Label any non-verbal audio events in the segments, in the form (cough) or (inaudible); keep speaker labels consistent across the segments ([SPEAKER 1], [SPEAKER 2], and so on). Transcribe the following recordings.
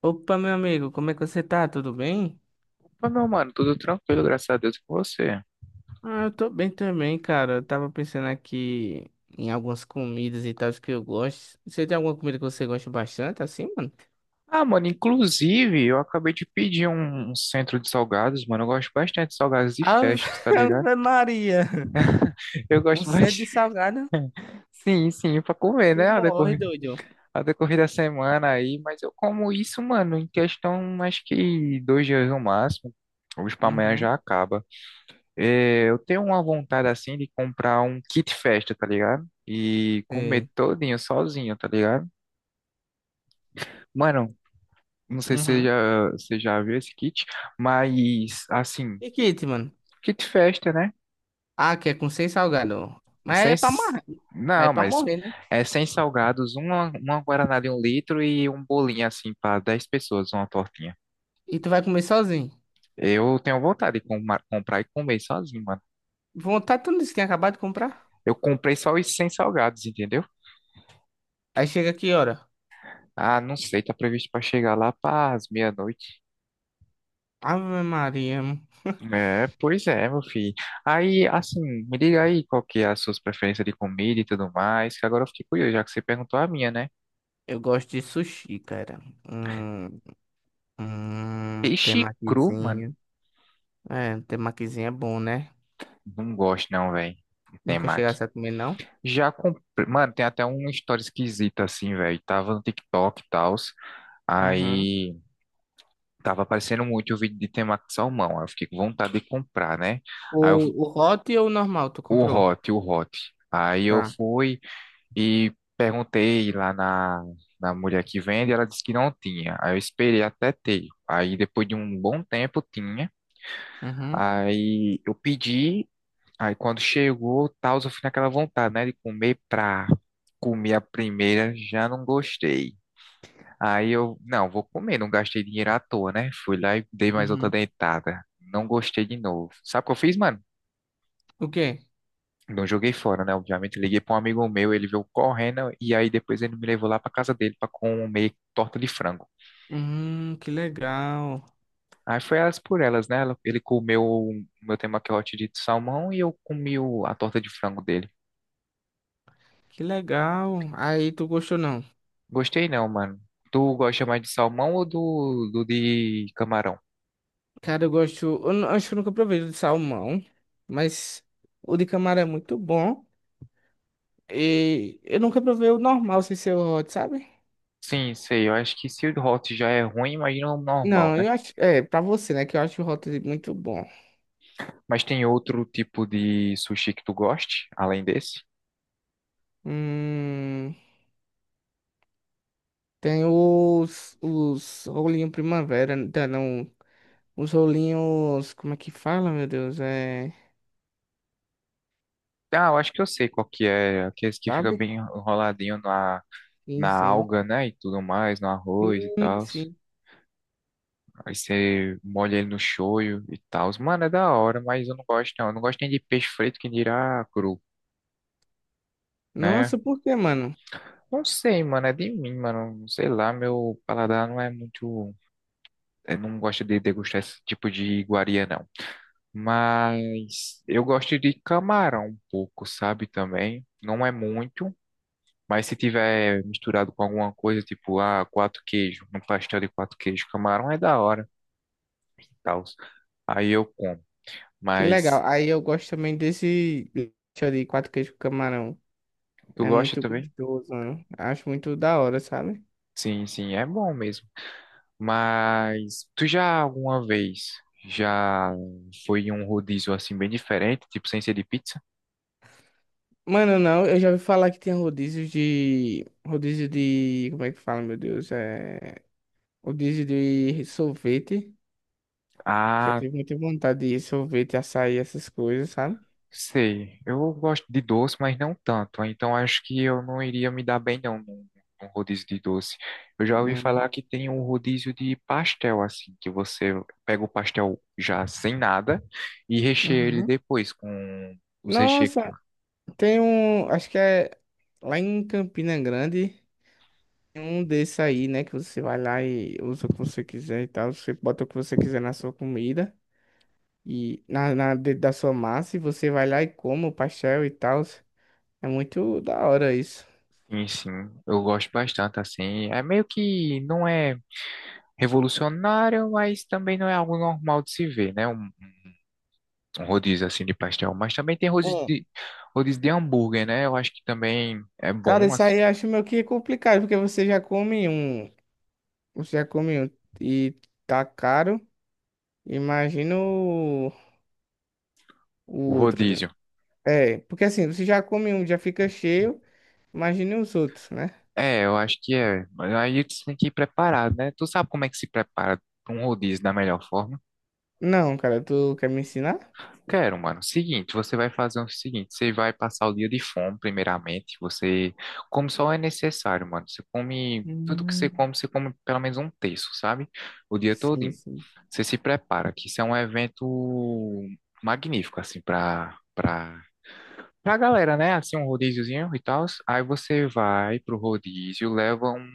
[SPEAKER 1] Opa, meu amigo, como é que você tá? Tudo bem?
[SPEAKER 2] Mas, meu mano, tudo tranquilo, graças a Deus, com você.
[SPEAKER 1] Ah, eu tô bem também, cara. Eu tava pensando aqui em algumas comidas e tal que eu gosto. Você tem alguma comida que você gosta bastante, assim, mano?
[SPEAKER 2] Ah, mano, inclusive, eu acabei de pedir um centro de salgados, mano. Eu gosto bastante de salgados de
[SPEAKER 1] Ave
[SPEAKER 2] festas, tá
[SPEAKER 1] (laughs)
[SPEAKER 2] ligado?
[SPEAKER 1] Ave Maria!
[SPEAKER 2] Eu
[SPEAKER 1] Um
[SPEAKER 2] gosto
[SPEAKER 1] centro
[SPEAKER 2] bastante.
[SPEAKER 1] de salgado,
[SPEAKER 2] (laughs) Sim, sim, pra comer,
[SPEAKER 1] tu
[SPEAKER 2] né? A
[SPEAKER 1] morre,
[SPEAKER 2] decorrer,
[SPEAKER 1] doido.
[SPEAKER 2] a decorrer da semana aí. Mas eu como isso, mano, em questão, acho que 2 dias no máximo. Hoje pra amanhã
[SPEAKER 1] Uhum,
[SPEAKER 2] já acaba. É, eu tenho uma vontade, assim, de comprar um kit festa, tá ligado? E comer
[SPEAKER 1] sei.
[SPEAKER 2] todinho sozinho, tá ligado? Mano, não sei se você
[SPEAKER 1] Uhum.
[SPEAKER 2] já, você já viu esse kit, mas assim,
[SPEAKER 1] E kit, mano?
[SPEAKER 2] kit festa, né?
[SPEAKER 1] Ah, que é com seis salgado.
[SPEAKER 2] É
[SPEAKER 1] Mas
[SPEAKER 2] Sem,
[SPEAKER 1] é pra
[SPEAKER 2] s-
[SPEAKER 1] morrer. Aí é
[SPEAKER 2] não,
[SPEAKER 1] pra
[SPEAKER 2] mas
[SPEAKER 1] morrer, né?
[SPEAKER 2] é sem salgados, uma guaraná de 1 litro e um bolinho assim para 10 pessoas, uma tortinha.
[SPEAKER 1] E tu vai comer sozinho.
[SPEAKER 2] Eu tenho vontade de comprar e comer sozinho, mano.
[SPEAKER 1] Vontade, tu não disse que tinha acabado de comprar?
[SPEAKER 2] Eu comprei só os sem salgados, entendeu?
[SPEAKER 1] Aí chega que hora?
[SPEAKER 2] Ah, não sei, tá previsto para chegar lá para as meia-noite.
[SPEAKER 1] Ave Maria.
[SPEAKER 2] É, pois é, meu filho. Aí, assim, me diga aí qual que é as suas preferências de comida e tudo mais, que agora eu fiquei curioso, já que você perguntou a minha, né?
[SPEAKER 1] Eu gosto de sushi, cara. Hum,
[SPEAKER 2] Peixe cru, mano,
[SPEAKER 1] Temakizinho. É, temakizinho é bom, né?
[SPEAKER 2] não gosto não, velho.
[SPEAKER 1] Nunca
[SPEAKER 2] Temaki.
[SPEAKER 1] chegasse a comer, não?
[SPEAKER 2] Já comprei. Mano, tem até uma história esquisita assim, velho. Tava no TikTok e tal.
[SPEAKER 1] Uhum.
[SPEAKER 2] Aí tava aparecendo muito o vídeo de temaki de salmão. Aí eu fiquei com vontade de comprar, né? Aí eu,
[SPEAKER 1] O, o hot ou o normal tu
[SPEAKER 2] o
[SPEAKER 1] comprou?
[SPEAKER 2] hot, o hot. Aí eu
[SPEAKER 1] Tá.
[SPEAKER 2] fui e perguntei lá na mulher que vende. Ela disse que não tinha. Aí eu esperei até ter. Aí depois de um bom tempo tinha.
[SPEAKER 1] Uhum.
[SPEAKER 2] Aí eu pedi. Aí quando chegou, tal, eu fui naquela vontade, né, de comer pra comer a primeira, já não gostei. Aí eu, não, vou comer, não gastei dinheiro à toa, né? Fui lá e dei mais outra
[SPEAKER 1] Uhum.
[SPEAKER 2] dentada. Não gostei de novo. Sabe o que eu fiz, mano?
[SPEAKER 1] O quê?
[SPEAKER 2] Não joguei fora, né? Obviamente, liguei pra um amigo meu, ele veio correndo e aí depois ele me levou lá pra casa dele pra comer torta de frango.
[SPEAKER 1] Que legal.
[SPEAKER 2] Aí foi elas por elas, né? Ela- Ele comeu o meu temaki hot de salmão e eu comi o- a torta de frango dele.
[SPEAKER 1] Que legal. Aí, tu gostou, não?
[SPEAKER 2] Gostei não, mano. Tu gosta mais de salmão ou do de camarão?
[SPEAKER 1] Cara, eu gosto... Eu não- acho que eu nunca provei o de salmão. Mas o de camarão é muito bom. E eu nunca provei o normal sem ser o hot, sabe?
[SPEAKER 2] Sim, sei. Eu acho que se o hot já é ruim, imagina o normal,
[SPEAKER 1] Não,
[SPEAKER 2] né?
[SPEAKER 1] eu acho. É, pra você, né? Que eu acho o Hot Dip muito bom.
[SPEAKER 2] Mas tem outro tipo de sushi que tu goste, além desse?
[SPEAKER 1] Hum, Tem os rolinhos primavera, tá, não. Os rolinhos. Como é que fala, meu Deus? É.
[SPEAKER 2] Ah, eu acho que eu sei qual que é. Aqueles que fica
[SPEAKER 1] Sabe?
[SPEAKER 2] bem enroladinho na,
[SPEAKER 1] Sim,
[SPEAKER 2] na
[SPEAKER 1] sim.
[SPEAKER 2] alga, né? E tudo mais, no arroz e
[SPEAKER 1] Sim,
[SPEAKER 2] tal.
[SPEAKER 1] sim.
[SPEAKER 2] Aí você molha ele no shoyu e tal. Mano, é da hora, mas eu não gosto não. Eu não gosto nem de peixe frito, que dirá cru, né?
[SPEAKER 1] Nossa, por que mano?
[SPEAKER 2] Não sei, mano, é de mim, mano. Sei lá, meu paladar não é muito. Eu não gosto de degustar esse tipo de iguaria, não. Mas eu gosto de camarão um pouco, sabe? Também. Não é muito, mas se tiver misturado com alguma coisa, tipo, ah, quatro queijos, um pastel de quatro queijos, camarão é da hora, tal. Aí eu como.
[SPEAKER 1] Que
[SPEAKER 2] Mas
[SPEAKER 1] legal. Aí eu gosto também desse lanche de quatro queijos com camarão.
[SPEAKER 2] tu
[SPEAKER 1] É
[SPEAKER 2] gosta
[SPEAKER 1] muito
[SPEAKER 2] também?
[SPEAKER 1] gostoso, mano. Acho muito da hora, sabe?
[SPEAKER 2] Sim, sim, é bom mesmo. Mas tu já alguma vez já foi em um rodízio assim bem diferente, tipo sem ser de pizza?
[SPEAKER 1] Mano, não, eu já ouvi falar que tem rodízios de. Rodízio de. Como é que fala, meu Deus? É. Rodízio de sorvete. Já
[SPEAKER 2] Ah,
[SPEAKER 1] tive muita vontade de sorvete, açaí, essas coisas, sabe?
[SPEAKER 2] sei. Eu gosto de doce, mas não tanto. Então acho que eu não iria me dar bem não num rodízio de doce. Eu já ouvi
[SPEAKER 1] Hum.
[SPEAKER 2] falar que tem um rodízio de pastel assim, que você pega o pastel já sem nada e recheia ele
[SPEAKER 1] Uhum.
[SPEAKER 2] depois com os recheios que tem.
[SPEAKER 1] Nossa, tem um. Acho que é lá em Campina Grande. Tem um desse aí, né? Que você vai lá e usa o que você quiser e tal. Você bota o que você quiser na sua comida e na, na dentro da sua massa. E você vai lá e come o pastel e tal. É muito da hora isso.
[SPEAKER 2] Sim, sim, eu gosto bastante assim. É meio que não é revolucionário, mas também não é algo normal de se ver, né? Um rodízio assim de pastel, mas também tem
[SPEAKER 1] É.
[SPEAKER 2] rodízio de hambúrguer, né? Eu acho que também é
[SPEAKER 1] Cara,
[SPEAKER 2] bom
[SPEAKER 1] isso
[SPEAKER 2] assim,
[SPEAKER 1] aí eu acho meio que complicado, porque você já come um. Você já comeu e tá caro, imagina o
[SPEAKER 2] o
[SPEAKER 1] outro, né?
[SPEAKER 2] rodízio.
[SPEAKER 1] É, porque assim, você já come um, já fica cheio, imagine os outros, né?
[SPEAKER 2] É, eu acho que é. Mas aí tu tem que ir preparado, né? Tu sabe como é que se prepara para um rodízio da melhor forma?
[SPEAKER 1] Não, cara, tu quer me ensinar?
[SPEAKER 2] Quero, mano. Seguinte, você vai fazer o seguinte, você vai passar o dia de fome, primeiramente, você come só o é necessário, mano. Você come tudo que
[SPEAKER 1] Hum,
[SPEAKER 2] você come pelo menos um terço, sabe? O dia todo.
[SPEAKER 1] sim, sim.
[SPEAKER 2] Você se prepara, que isso é um evento magnífico, assim, pra galera, né? Assim, um rodíziozinho e tal. Aí você vai pro rodízio, leva um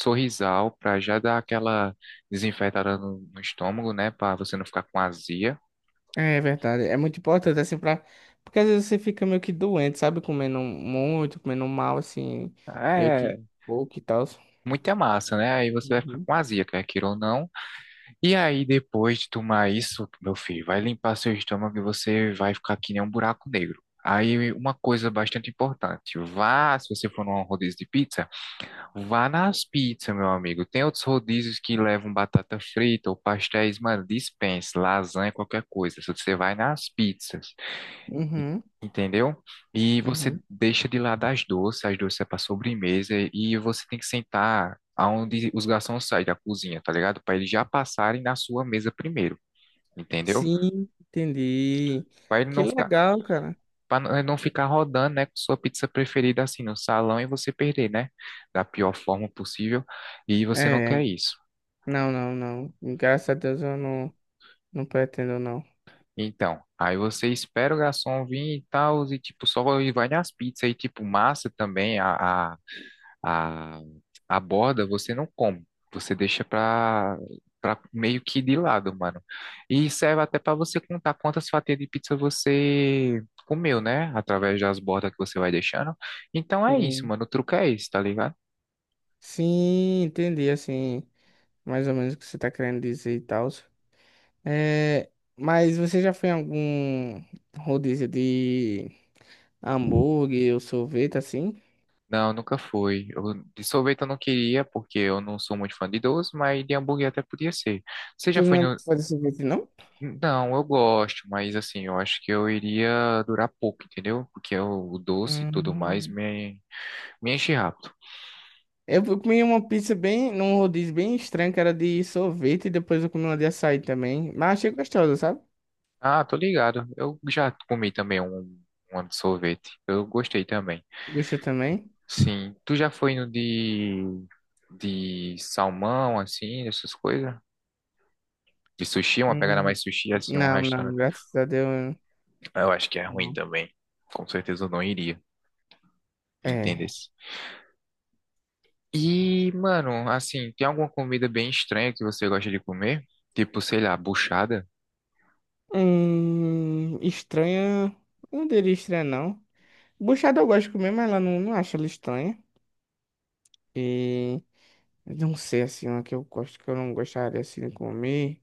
[SPEAKER 2] sorrisal pra já dar aquela desinfetada no estômago, né? Pra você não ficar com azia.
[SPEAKER 1] É verdade, é muito importante, assim, porque às vezes você fica meio que doente, sabe? Comendo muito, comendo mal, assim, meio que
[SPEAKER 2] É,
[SPEAKER 1] pouco e tal.
[SPEAKER 2] muita massa, né? Aí você vai ficar
[SPEAKER 1] Uhum.
[SPEAKER 2] com azia, quer queira ou não. E aí, depois de tomar isso, meu filho, vai limpar seu estômago e você vai ficar que nem um buraco negro. Aí, uma coisa bastante importante, vá, se você for num rodízio de pizza, vá nas pizzas, meu amigo. Tem outros rodízios que levam batata frita ou pastéis, mano, dispense, lasanha, qualquer coisa. Só que você vai nas pizzas,
[SPEAKER 1] Uhum,
[SPEAKER 2] entendeu? E você
[SPEAKER 1] uhum.
[SPEAKER 2] deixa de lado as doces é para sobremesa e você tem que sentar aonde os garçons saem da cozinha, tá ligado? Para eles já passarem na sua mesa primeiro, entendeu?
[SPEAKER 1] Sim, entendi.
[SPEAKER 2] Para ele
[SPEAKER 1] Que
[SPEAKER 2] não ficar,
[SPEAKER 1] legal, cara.
[SPEAKER 2] para não ficar rodando, né, com sua pizza preferida assim no salão e você perder, né, da pior forma possível, e você não
[SPEAKER 1] É.
[SPEAKER 2] quer isso.
[SPEAKER 1] Não, não, não. Graças a Deus eu não, não pretendo, não.
[SPEAKER 2] Então, aí você espera o garçom vir e tal, e tipo, só e vai nas pizzas, e tipo, massa também, A, a borda você não come, você deixa pra meio que de lado, mano. E serve até pra você contar quantas fatias de pizza você comeu, né? Através das bordas que você vai deixando. Então é isso,
[SPEAKER 1] Sim.
[SPEAKER 2] mano. O truque é esse, tá ligado?
[SPEAKER 1] Sim, entendi, assim, mais ou menos o que você tá querendo dizer e tal. É, mas você já foi em algum rodízio de hambúrguer ou sorvete, assim?
[SPEAKER 2] Não, nunca foi. Eu- de sorvete eu não queria, porque eu não sou muito fã de doce, mas de hambúrguer até podia ser. Você já
[SPEAKER 1] Tu não
[SPEAKER 2] foi
[SPEAKER 1] é
[SPEAKER 2] no.
[SPEAKER 1] muito fã de sorvete, não?
[SPEAKER 2] Não, eu gosto, mas assim, eu acho que eu iria durar pouco, entendeu? Porque o doce e tudo mais
[SPEAKER 1] Hum.
[SPEAKER 2] me enche rápido.
[SPEAKER 1] Eu comi uma pizza bem, num rodízio bem estranho, que era de sorvete, e depois eu comi uma de açaí também. Mas achei gostosa, sabe?
[SPEAKER 2] Ah, tô ligado. Eu já comi também um de sorvete. Eu gostei também.
[SPEAKER 1] Gostou também?
[SPEAKER 2] Sim. Tu já foi no de salmão, assim, essas coisas? De sushi, uma pegada
[SPEAKER 1] Hum.
[SPEAKER 2] mais sushi, assim, um
[SPEAKER 1] Não, não,
[SPEAKER 2] restaurante.
[SPEAKER 1] graças a Deus.
[SPEAKER 2] Eu acho que é ruim
[SPEAKER 1] Não.
[SPEAKER 2] também. Com certeza eu não iria. Entende?
[SPEAKER 1] É.
[SPEAKER 2] Se E, mano, assim, tem alguma comida bem estranha que você gosta de comer? Tipo, sei lá, buchada?
[SPEAKER 1] Estranha. Não diria estranha, não. Buchada eu gosto de comer, mas ela não, não acha ela estranha. E não sei assim, uma que eu gosto que eu não gostaria assim de comer.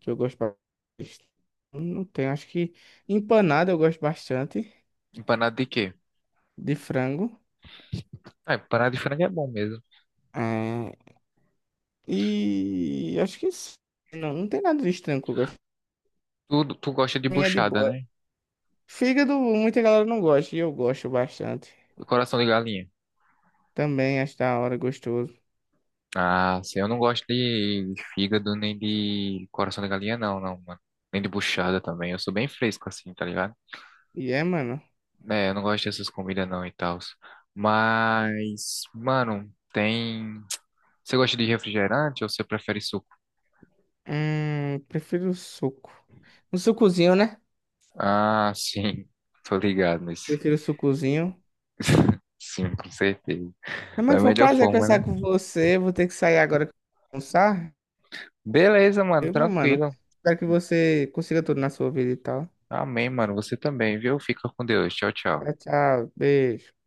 [SPEAKER 1] Que eu gosto ba- Não tem, acho que empanada eu gosto bastante
[SPEAKER 2] Empanado de quê?
[SPEAKER 1] de frango.
[SPEAKER 2] Ah, empanado de frango é bom mesmo.
[SPEAKER 1] É, e acho que isso. Não, não tem nada de estranho que eu gosto.
[SPEAKER 2] Tu gosta de
[SPEAKER 1] Pra mim é de
[SPEAKER 2] buchada,
[SPEAKER 1] boa.
[SPEAKER 2] né?
[SPEAKER 1] Fígado, muita galera não gosta, e eu gosto bastante.
[SPEAKER 2] Coração de galinha.
[SPEAKER 1] Também acho da hora, gostoso.
[SPEAKER 2] Ah, sim, eu não gosto de fígado nem de coração de galinha, não, não, mano. Nem de buchada também. Eu sou bem fresco assim, tá ligado?
[SPEAKER 1] E é, mano.
[SPEAKER 2] É, eu não gosto dessas comidas não e tal. Mas, mano, tem. Você gosta de refrigerante ou você prefere suco?
[SPEAKER 1] Prefiro o suco. Um sucozinho, né?
[SPEAKER 2] Ah, sim, tô ligado nesse.
[SPEAKER 1] Prefiro o sucozinho.
[SPEAKER 2] Sim, com certeza.
[SPEAKER 1] Mas, mano,
[SPEAKER 2] Da
[SPEAKER 1] foi um
[SPEAKER 2] melhor
[SPEAKER 1] prazer
[SPEAKER 2] forma, né?
[SPEAKER 1] conversar com você. Vou ter que sair agora pra almoçar.
[SPEAKER 2] Beleza, mano,
[SPEAKER 1] Eu, meu mano.
[SPEAKER 2] tranquilo.
[SPEAKER 1] Espero que você consiga tudo na sua vida e tal.
[SPEAKER 2] Amém, mano. Você também, viu? Fica com Deus. Tchau, tchau.
[SPEAKER 1] Tchau, tchau. Beijo.